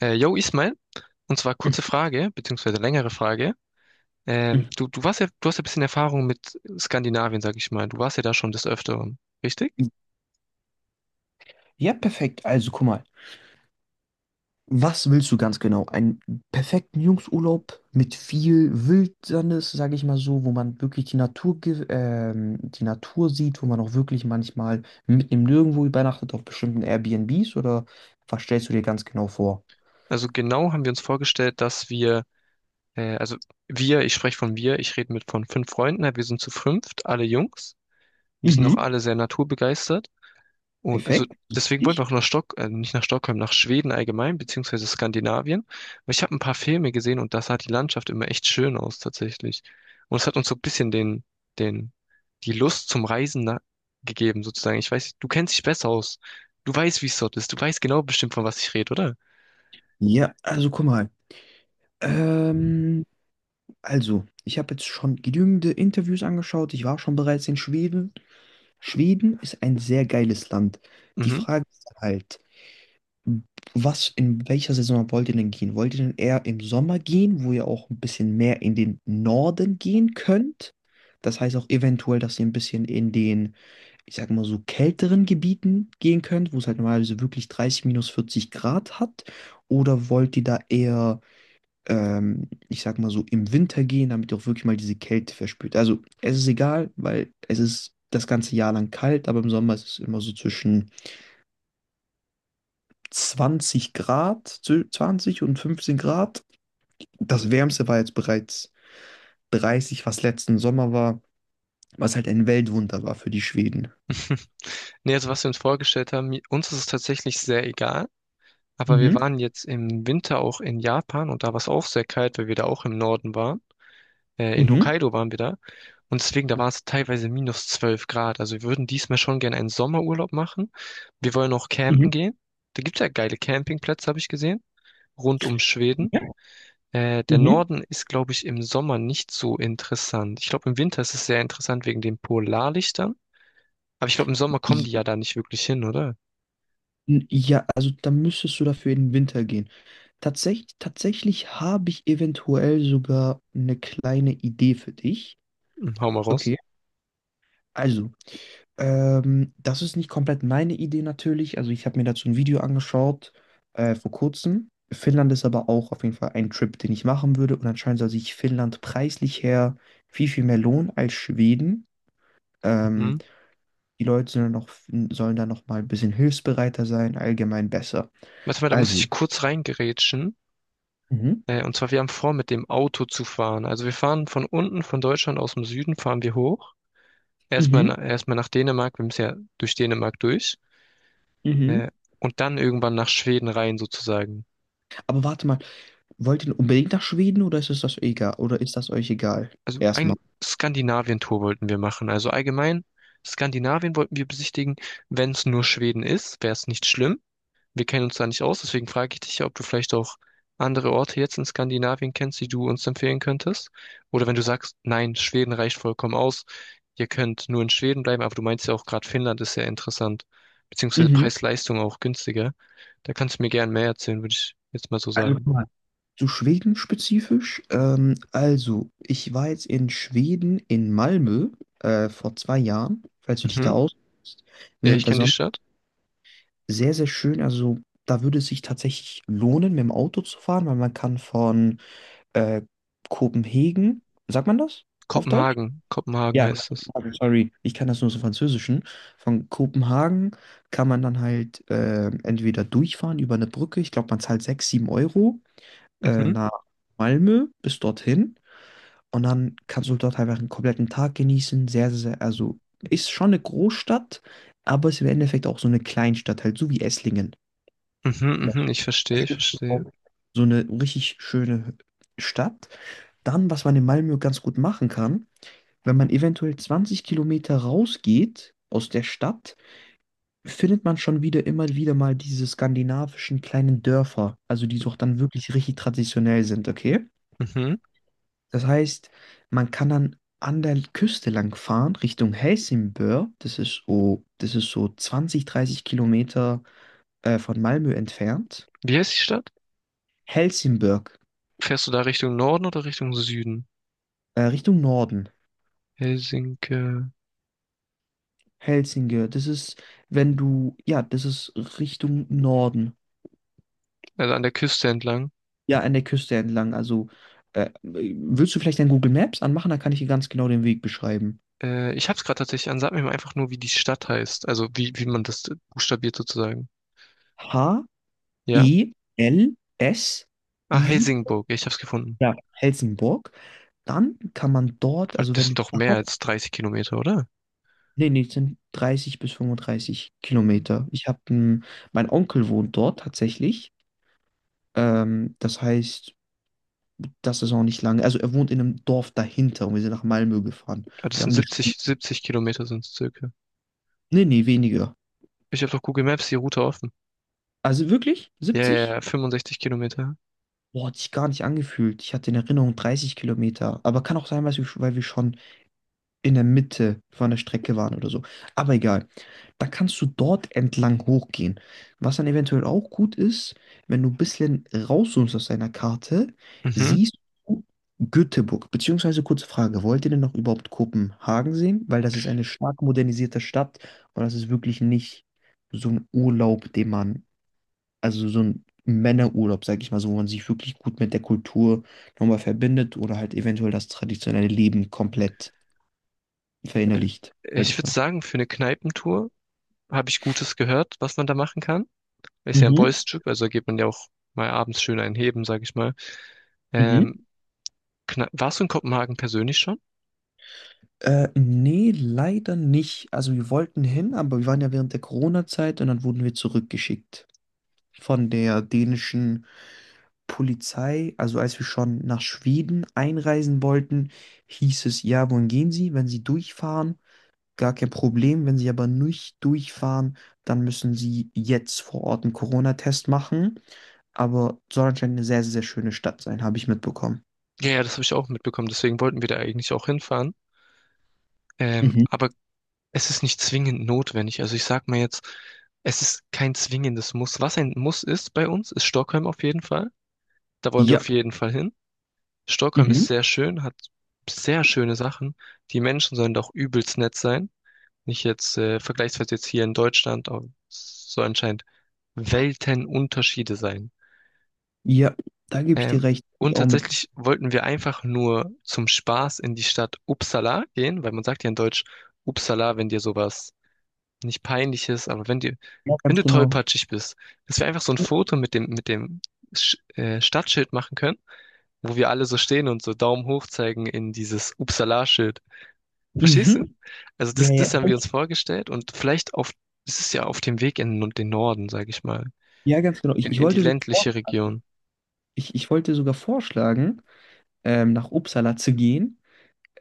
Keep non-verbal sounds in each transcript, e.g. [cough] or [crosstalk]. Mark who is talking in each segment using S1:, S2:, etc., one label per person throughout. S1: Yo, Ismail, und zwar kurze Frage, beziehungsweise längere Frage. Ähm,
S2: Mhm.
S1: du, du warst ja, du hast ja ein bisschen Erfahrung mit Skandinavien, sag ich mal. Du warst ja da schon des Öfteren, richtig?
S2: Ja, perfekt. Also, guck mal. Was willst du ganz genau? Einen perfekten Jungsurlaub mit viel Wildnis, sage ich mal so, wo man wirklich die Natur, die Natur sieht, wo man auch wirklich manchmal mitten im Nirgendwo übernachtet auf bestimmten Airbnbs oder was stellst du dir ganz genau vor?
S1: Also genau haben wir uns vorgestellt, dass wir, also wir, ich spreche von wir, ich rede mit von fünf Freunden, wir sind zu fünft, alle Jungs. Wir sind auch
S2: Mhm,
S1: alle sehr naturbegeistert. Und also
S2: perfekt.
S1: deswegen wollen wir
S2: Ich?
S1: auch nach nicht nach Stockholm, nach Schweden allgemein, beziehungsweise Skandinavien. Weil ich habe ein paar Filme gesehen und da sah die Landschaft immer echt schön aus tatsächlich. Und es hat uns so ein bisschen den, die Lust zum Reisen gegeben, sozusagen. Ich weiß, du kennst dich besser aus. Du weißt, wie es dort ist. Du weißt genau bestimmt, von was ich rede, oder?
S2: Ja, also guck mal. Ähm, also, ich habe jetzt schon genügende Interviews angeschaut. Ich war schon bereits in Schweden. Schweden ist ein sehr geiles Land. Die
S1: Mhm.
S2: Frage ist halt, was, in welcher Saison wollt ihr denn gehen? Wollt ihr denn eher im Sommer gehen, wo ihr auch ein bisschen mehr in den Norden gehen könnt? Das heißt auch eventuell, dass ihr ein bisschen in den, ich sag mal so, kälteren Gebieten gehen könnt, wo es halt normalerweise wirklich 30 minus 40 Grad hat. Oder wollt ihr da eher ich sag mal so, im Winter gehen, damit ihr auch wirklich mal diese Kälte verspürt. Also es ist egal, weil es ist das ganze Jahr lang kalt, aber im Sommer ist es immer so zwischen 20 Grad, 20 und 15 Grad. Das Wärmste war jetzt bereits 30, was letzten Sommer war, was halt ein Weltwunder war für die Schweden.
S1: Nee, also was wir uns vorgestellt haben, uns ist es tatsächlich sehr egal. Aber wir
S2: Mhm,
S1: waren jetzt im Winter auch in Japan und da war es auch sehr kalt, weil wir da auch im Norden waren. In
S2: mhm,
S1: Hokkaido waren wir da. Und deswegen, da war es teilweise minus 12 Grad. Also wir würden diesmal schon gerne einen Sommerurlaub machen. Wir wollen auch
S2: mhm,
S1: campen gehen. Da gibt's ja geile Campingplätze, habe ich gesehen, rund um Schweden.
S2: ja,
S1: Der
S2: mhm.
S1: Norden ist, glaube ich, im Sommer nicht so interessant. Ich glaube, im Winter ist es sehr interessant wegen den Polarlichtern. Aber ich glaube, im Sommer kommen die ja da nicht wirklich hin, oder?
S2: N- Ja, also da müsstest du dafür in den Winter gehen. Tatsächlich, tatsächlich habe ich eventuell sogar eine kleine Idee für dich.
S1: Hm, hau mal raus.
S2: Okay, also, das ist nicht komplett meine Idee natürlich. Also ich habe mir dazu ein Video angeschaut vor kurzem. Finnland ist aber auch auf jeden Fall ein Trip, den ich machen würde. Und anscheinend soll sich Finnland preislich her viel, viel mehr lohnen als Schweden. Ähm,
S1: Mhm.
S2: die Leute sollen, noch, sollen da noch mal ein bisschen hilfsbereiter sein, allgemein besser.
S1: Warte mal, da muss
S2: Also.
S1: ich kurz reingerätschen.
S2: Mhm.
S1: Und zwar, wir haben vor, mit dem Auto zu fahren. Also wir fahren von unten, von Deutschland aus dem Süden, fahren wir hoch. Erstmal,
S2: Mhm,
S1: na- erstmal nach Dänemark, wir müssen ja durch Dänemark durch. Äh,
S2: mhm.
S1: und dann irgendwann nach Schweden rein sozusagen.
S2: Aber warte mal, wollt ihr unbedingt nach Schweden oder ist es das egal? Oder ist das euch egal?
S1: Also ein
S2: Erstmal.
S1: Skandinavien-Tour wollten wir machen. Also allgemein, Skandinavien wollten wir besichtigen. Wenn es nur Schweden ist, wäre es nicht schlimm. Wir kennen uns da nicht aus, deswegen frage ich dich ja, ob du vielleicht auch andere Orte jetzt in Skandinavien kennst, die du uns empfehlen könntest. Oder wenn du sagst, nein, Schweden reicht vollkommen aus, ihr könnt nur in Schweden bleiben, aber du meinst ja auch gerade Finnland ist sehr interessant, beziehungsweise
S2: Mhm.
S1: Preis-Leistung auch günstiger. Da kannst du mir gern mehr erzählen, würde ich jetzt mal so
S2: Also guck
S1: sagen.
S2: mal. Zu Schweden spezifisch. Also, ich war jetzt in Schweden in Malmö vor 2 Jahren, falls du dich da
S1: Mhm.
S2: auskennst,
S1: Ja, ich
S2: während der
S1: kenne die
S2: Sommer.
S1: Stadt.
S2: Sehr, sehr schön. Also, da würde es sich tatsächlich lohnen, mit dem Auto zu fahren, weil man kann von äh, Kopenhagen, sagt man das auf Deutsch?
S1: Kopenhagen. Kopenhagen
S2: Ja,
S1: heißt es.
S2: Kopenhagen, sorry. Ich kann das nur so Französischen. Von Kopenhagen kann man dann halt entweder durchfahren über eine Brücke. Ich glaube, man zahlt 6, 7 Euro
S1: Mhm.
S2: nach Malmö bis dorthin. Und dann kannst du dort einfach einen kompletten Tag genießen. Sehr, sehr, sehr, also ist schon eine Großstadt, aber ist im Endeffekt auch so eine Kleinstadt, halt so wie Esslingen.
S1: Mhm, mhm,
S2: Weißt
S1: ich verstehe, ich
S2: du,
S1: verstehe.
S2: auch so eine richtig schöne Stadt. Dann, was man in Malmö ganz gut machen kann, wenn man eventuell 20 Kilometer rausgeht aus der Stadt, findet man schon wieder immer wieder mal diese skandinavischen kleinen Dörfer, also die so auch dann wirklich richtig traditionell sind, okay?
S1: Mhm.
S2: Das heißt, man kann dann an der Küste lang fahren, Richtung Helsingborg, das ist so 20, 30 Kilometer von Malmö entfernt.
S1: Wie heißt die Stadt?
S2: Helsingborg,
S1: Fährst du da Richtung Norden oder Richtung Süden?
S2: Richtung Norden.
S1: Helsinki.
S2: Helsinge, das ist, wenn du, ja, das ist Richtung Norden.
S1: Also an der Küste entlang.
S2: Ja, an der Küste entlang. Also, willst du vielleicht dein Google Maps anmachen? Dann kann ich dir ganz genau den Weg beschreiben.
S1: Ich hab's gerade tatsächlich an, sag mir mal einfach nur, wie die Stadt heißt. Also wie man das buchstabiert sozusagen. Ja?
S2: H-E-L-S-I,
S1: Ah, Helsingborg, ich hab's gefunden.
S2: ja, Helsingborg. Dann kann man dort,
S1: Weil
S2: also
S1: das sind
S2: wenn
S1: doch mehr
S2: dort,
S1: als 30 Kilometer, oder?
S2: nee, nee, es sind 30 bis 35 Kilometer. Ich habe, mein Onkel wohnt dort tatsächlich. Das heißt, das ist auch nicht lange. Also er wohnt in einem Dorf dahinter und wir sind nach Malmö gefahren.
S1: Ah, das
S2: Wir
S1: sind
S2: haben eine,
S1: 70, 70 Kilometer sind es circa.
S2: nee, nee, weniger.
S1: Ich habe doch Google Maps die Route offen.
S2: Also wirklich?
S1: Ja, ja,
S2: 70?
S1: ja, 65 Kilometer.
S2: Boah, hat sich gar nicht angefühlt. Ich hatte in Erinnerung 30 Kilometer. Aber kann auch sein, weil wir schon in der Mitte von der Strecke waren oder so. Aber egal. Da kannst du dort entlang hochgehen. Was dann eventuell auch gut ist, wenn du ein bisschen rauszoomst aus deiner Karte,
S1: Mhm.
S2: siehst du Göteborg. Beziehungsweise kurze Frage, wollt ihr denn noch überhaupt Kopenhagen sehen? Weil das ist eine stark modernisierte Stadt und das ist wirklich nicht so ein Urlaub, den man also so ein Männerurlaub, sag ich mal, so, wo man sich wirklich gut mit der Kultur nochmal verbindet oder halt eventuell das traditionelle Leben komplett
S1: Äh,
S2: verinnerlicht, sag
S1: Ich
S2: ich
S1: würde
S2: mal.
S1: sagen, für eine Kneipentour habe ich Gutes gehört, was man da machen kann. Ist ja ein
S2: Mhm,
S1: Boys-Trip, also geht man ja auch mal abends schön einheben, sag ich mal.
S2: mhm.
S1: Ähm, Warst du in Kopenhagen persönlich schon?
S2: Nee, leider nicht. Also wir wollten hin, aber wir waren ja während der Corona-Zeit und dann wurden wir zurückgeschickt von der dänischen Polizei. Also als wir schon nach Schweden einreisen wollten, hieß es, ja, wohin gehen Sie, wenn Sie durchfahren? Gar kein Problem. Wenn Sie aber nicht durchfahren, dann müssen Sie jetzt vor Ort einen Corona-Test machen. Aber soll anscheinend eine sehr, sehr schöne Stadt sein, habe ich mitbekommen.
S1: Ja, ja, das habe ich auch mitbekommen. Deswegen wollten wir da eigentlich auch hinfahren.
S2: Mhm.
S1: Aber es ist nicht zwingend notwendig. Also ich sag mal jetzt, es ist kein zwingendes Muss. Was ein Muss ist bei uns, ist Stockholm auf jeden Fall. Da wollen wir
S2: Ja,
S1: auf jeden Fall hin. Stockholm
S2: mhm.
S1: ist sehr schön, hat sehr schöne Sachen. Die Menschen sollen doch übelst nett sein. Nicht jetzt vergleichsweise jetzt hier in Deutschland, aber es soll anscheinend Weltenunterschiede sein.
S2: Ja, da gebe ich dir
S1: Ähm,
S2: recht. Ich
S1: und
S2: auch mit.
S1: tatsächlich wollten wir einfach nur zum Spaß in die Stadt Uppsala gehen, weil man sagt ja in Deutsch Uppsala, wenn dir sowas nicht peinlich ist, aber
S2: Ja,
S1: wenn
S2: ganz
S1: du
S2: genau.
S1: tollpatschig bist, dass wir einfach so ein Foto mit dem Sch Stadtschild machen können, wo wir alle so stehen und so Daumen hoch zeigen in dieses Uppsala-Schild. Verstehst du?
S2: Mhm.
S1: Also
S2: Ja,
S1: das,
S2: ja,
S1: das haben wir
S2: stimmt.
S1: uns vorgestellt und das ist ja auf dem Weg in den Norden, sage ich mal,
S2: Ja, ganz genau. Ich,
S1: in,
S2: ich
S1: in die
S2: wollte sogar
S1: ländliche
S2: vorschlagen,
S1: Region.
S2: ich wollte sogar vorschlagen, nach Uppsala zu gehen.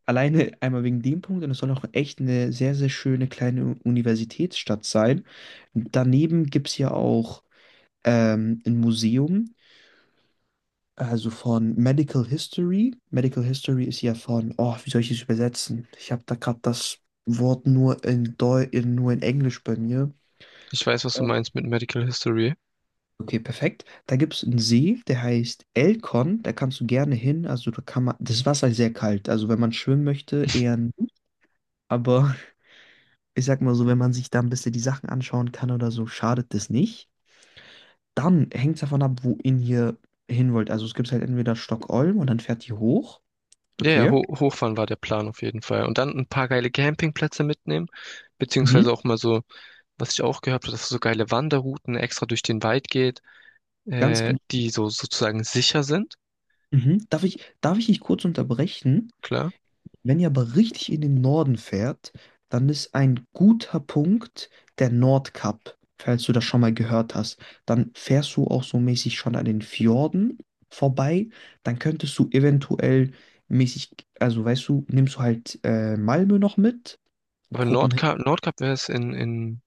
S2: Alleine einmal wegen dem Punkt und es soll auch echt eine sehr, sehr schöne kleine Universitätsstadt sein. Daneben gibt es ja auch ein Museum, also von Medical History. Medical History ist ja von, oh, wie soll ich das übersetzen? Ich habe da gerade das Wort nur in nur in Englisch bei mir.
S1: Ich weiß, was du
S2: Ähm,
S1: meinst mit Medical History.
S2: Okay, perfekt. Da gibt es einen See, der heißt Elkon, da kannst du gerne hin. Also da kann man, das Wasser ist sehr kalt, also wenn man schwimmen möchte, eher nicht. Aber [laughs] ich sag mal so, wenn man sich da ein bisschen die Sachen anschauen kann oder so, schadet das nicht. Dann hängt es davon ab, wo ihn hier hin wollt. Also es gibt halt entweder Stockholm und dann fährt ihr hoch.
S1: Ja, ja,
S2: Okay,
S1: Ho Hochfahren war der Plan auf jeden Fall. Und dann ein paar geile Campingplätze mitnehmen,
S2: mhm,
S1: beziehungsweise auch mal so, was ich auch gehört habe, dass so geile Wanderrouten extra durch den Wald geht,
S2: ganz genau.
S1: die so sozusagen sicher sind,
S2: Mhm. Darf ich dich kurz unterbrechen?
S1: klar.
S2: Wenn ihr aber richtig in den Norden fährt, dann ist ein guter Punkt der Nordkap, falls du das schon mal gehört hast. Dann fährst du auch so mäßig schon an den Fjorden vorbei. Dann könntest du eventuell mäßig, also weißt du, nimmst du halt Malmö noch mit,
S1: Aber
S2: Kopenhagen.
S1: Nordkap wäre es in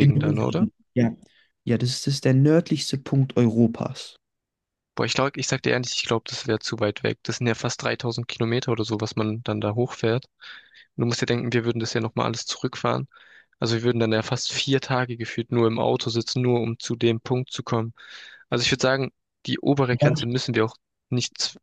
S2: In, den
S1: dann, oder?
S2: Norden. Ja. Ja, das ist der nördlichste Punkt Europas.
S1: Boah, ich glaube, ich sag dir ehrlich, ich glaube, das wäre zu weit weg. Das sind ja fast 3000 Kilometer oder so, was man dann da hochfährt. Du musst dir denken, wir würden das ja nochmal alles zurückfahren. Also wir würden dann ja fast 4 Tage gefühlt nur im Auto sitzen, nur um zu dem Punkt zu kommen. Also ich würde sagen, die obere Grenze müssen wir auch nicht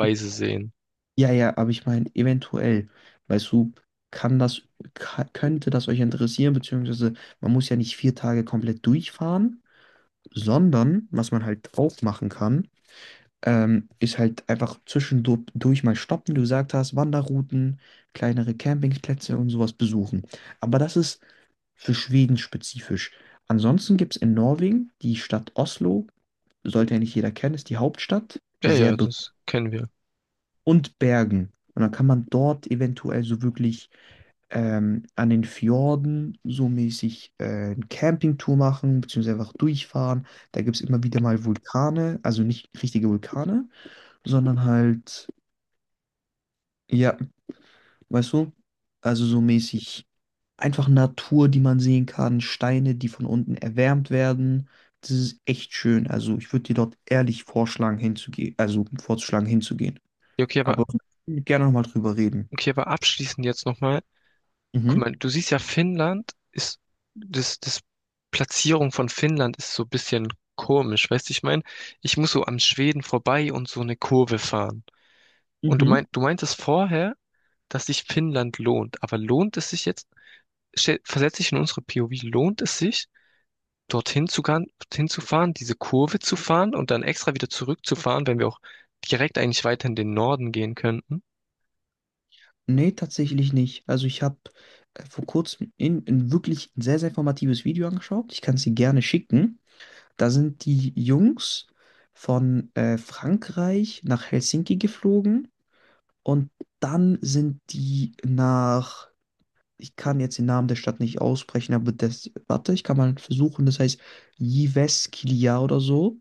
S2: Ja,
S1: sehen.
S2: ja, ja, aber ich meine, eventuell, weißt du, kann das, könnte das euch interessieren, beziehungsweise man muss ja nicht 4 Tage komplett durchfahren, sondern was man halt auch machen kann, ist halt einfach zwischendurch mal stoppen, du gesagt hast, Wanderrouten, kleinere Campingplätze und sowas besuchen. Aber das ist für Schweden spezifisch. Ansonsten gibt es in Norwegen die Stadt Oslo, sollte ja nicht jeder kennen, ist die Hauptstadt,
S1: Ja,
S2: sehr
S1: ja, das kennen wir.
S2: und Bergen. Und dann kann man dort eventuell so wirklich an den Fjorden so mäßig eine Campingtour machen, beziehungsweise einfach durchfahren. Da gibt es immer wieder mal Vulkane, also nicht richtige Vulkane, sondern halt, ja, weißt du, also so mäßig einfach Natur, die man sehen kann, Steine, die von unten erwärmt werden. Das ist echt schön. Also ich würde dir dort ehrlich vorschlagen, hinzugehen, also vorzuschlagen, hinzugehen.
S1: Ja,
S2: Aber gerne nochmal drüber reden.
S1: okay, aber abschließend jetzt nochmal. Guck
S2: Mhm.
S1: mal, du siehst ja, Finnland ist, das Platzierung von Finnland ist so ein bisschen komisch, weißt du, ich meine, ich muss so am Schweden vorbei und so eine Kurve fahren. Und
S2: Mhm.
S1: du meintest vorher, dass sich Finnland lohnt. Aber lohnt es sich jetzt, versetze ich in unsere POV, lohnt es sich, dorthin zu fahren, diese Kurve zu fahren und dann extra wieder zurückzufahren, wenn wir auch direkt eigentlich weiter in den Norden gehen könnten?
S2: Nee, tatsächlich nicht. Also ich habe vor kurzem in wirklich ein sehr, sehr informatives Video angeschaut. Ich kann es dir gerne schicken. Da sind die Jungs von Frankreich nach Helsinki geflogen und dann sind die nach, ich kann jetzt den Namen der Stadt nicht aussprechen, aber das, warte, ich kann mal versuchen, das heißt Jyväskylä oder so.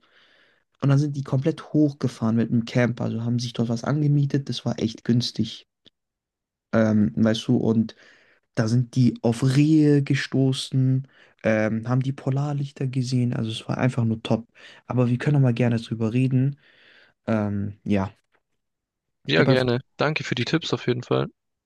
S2: Und dann sind die komplett hochgefahren mit einem Camper, also haben sich dort was angemietet, das war echt günstig. Weißt du, und da sind die auf Rehe gestoßen, haben die Polarlichter gesehen. Also es war einfach nur top. Aber wir können auch mal gerne drüber reden. Ja,
S1: Ja,
S2: gib einfach
S1: gerne. Danke für die Tipps auf jeden Fall.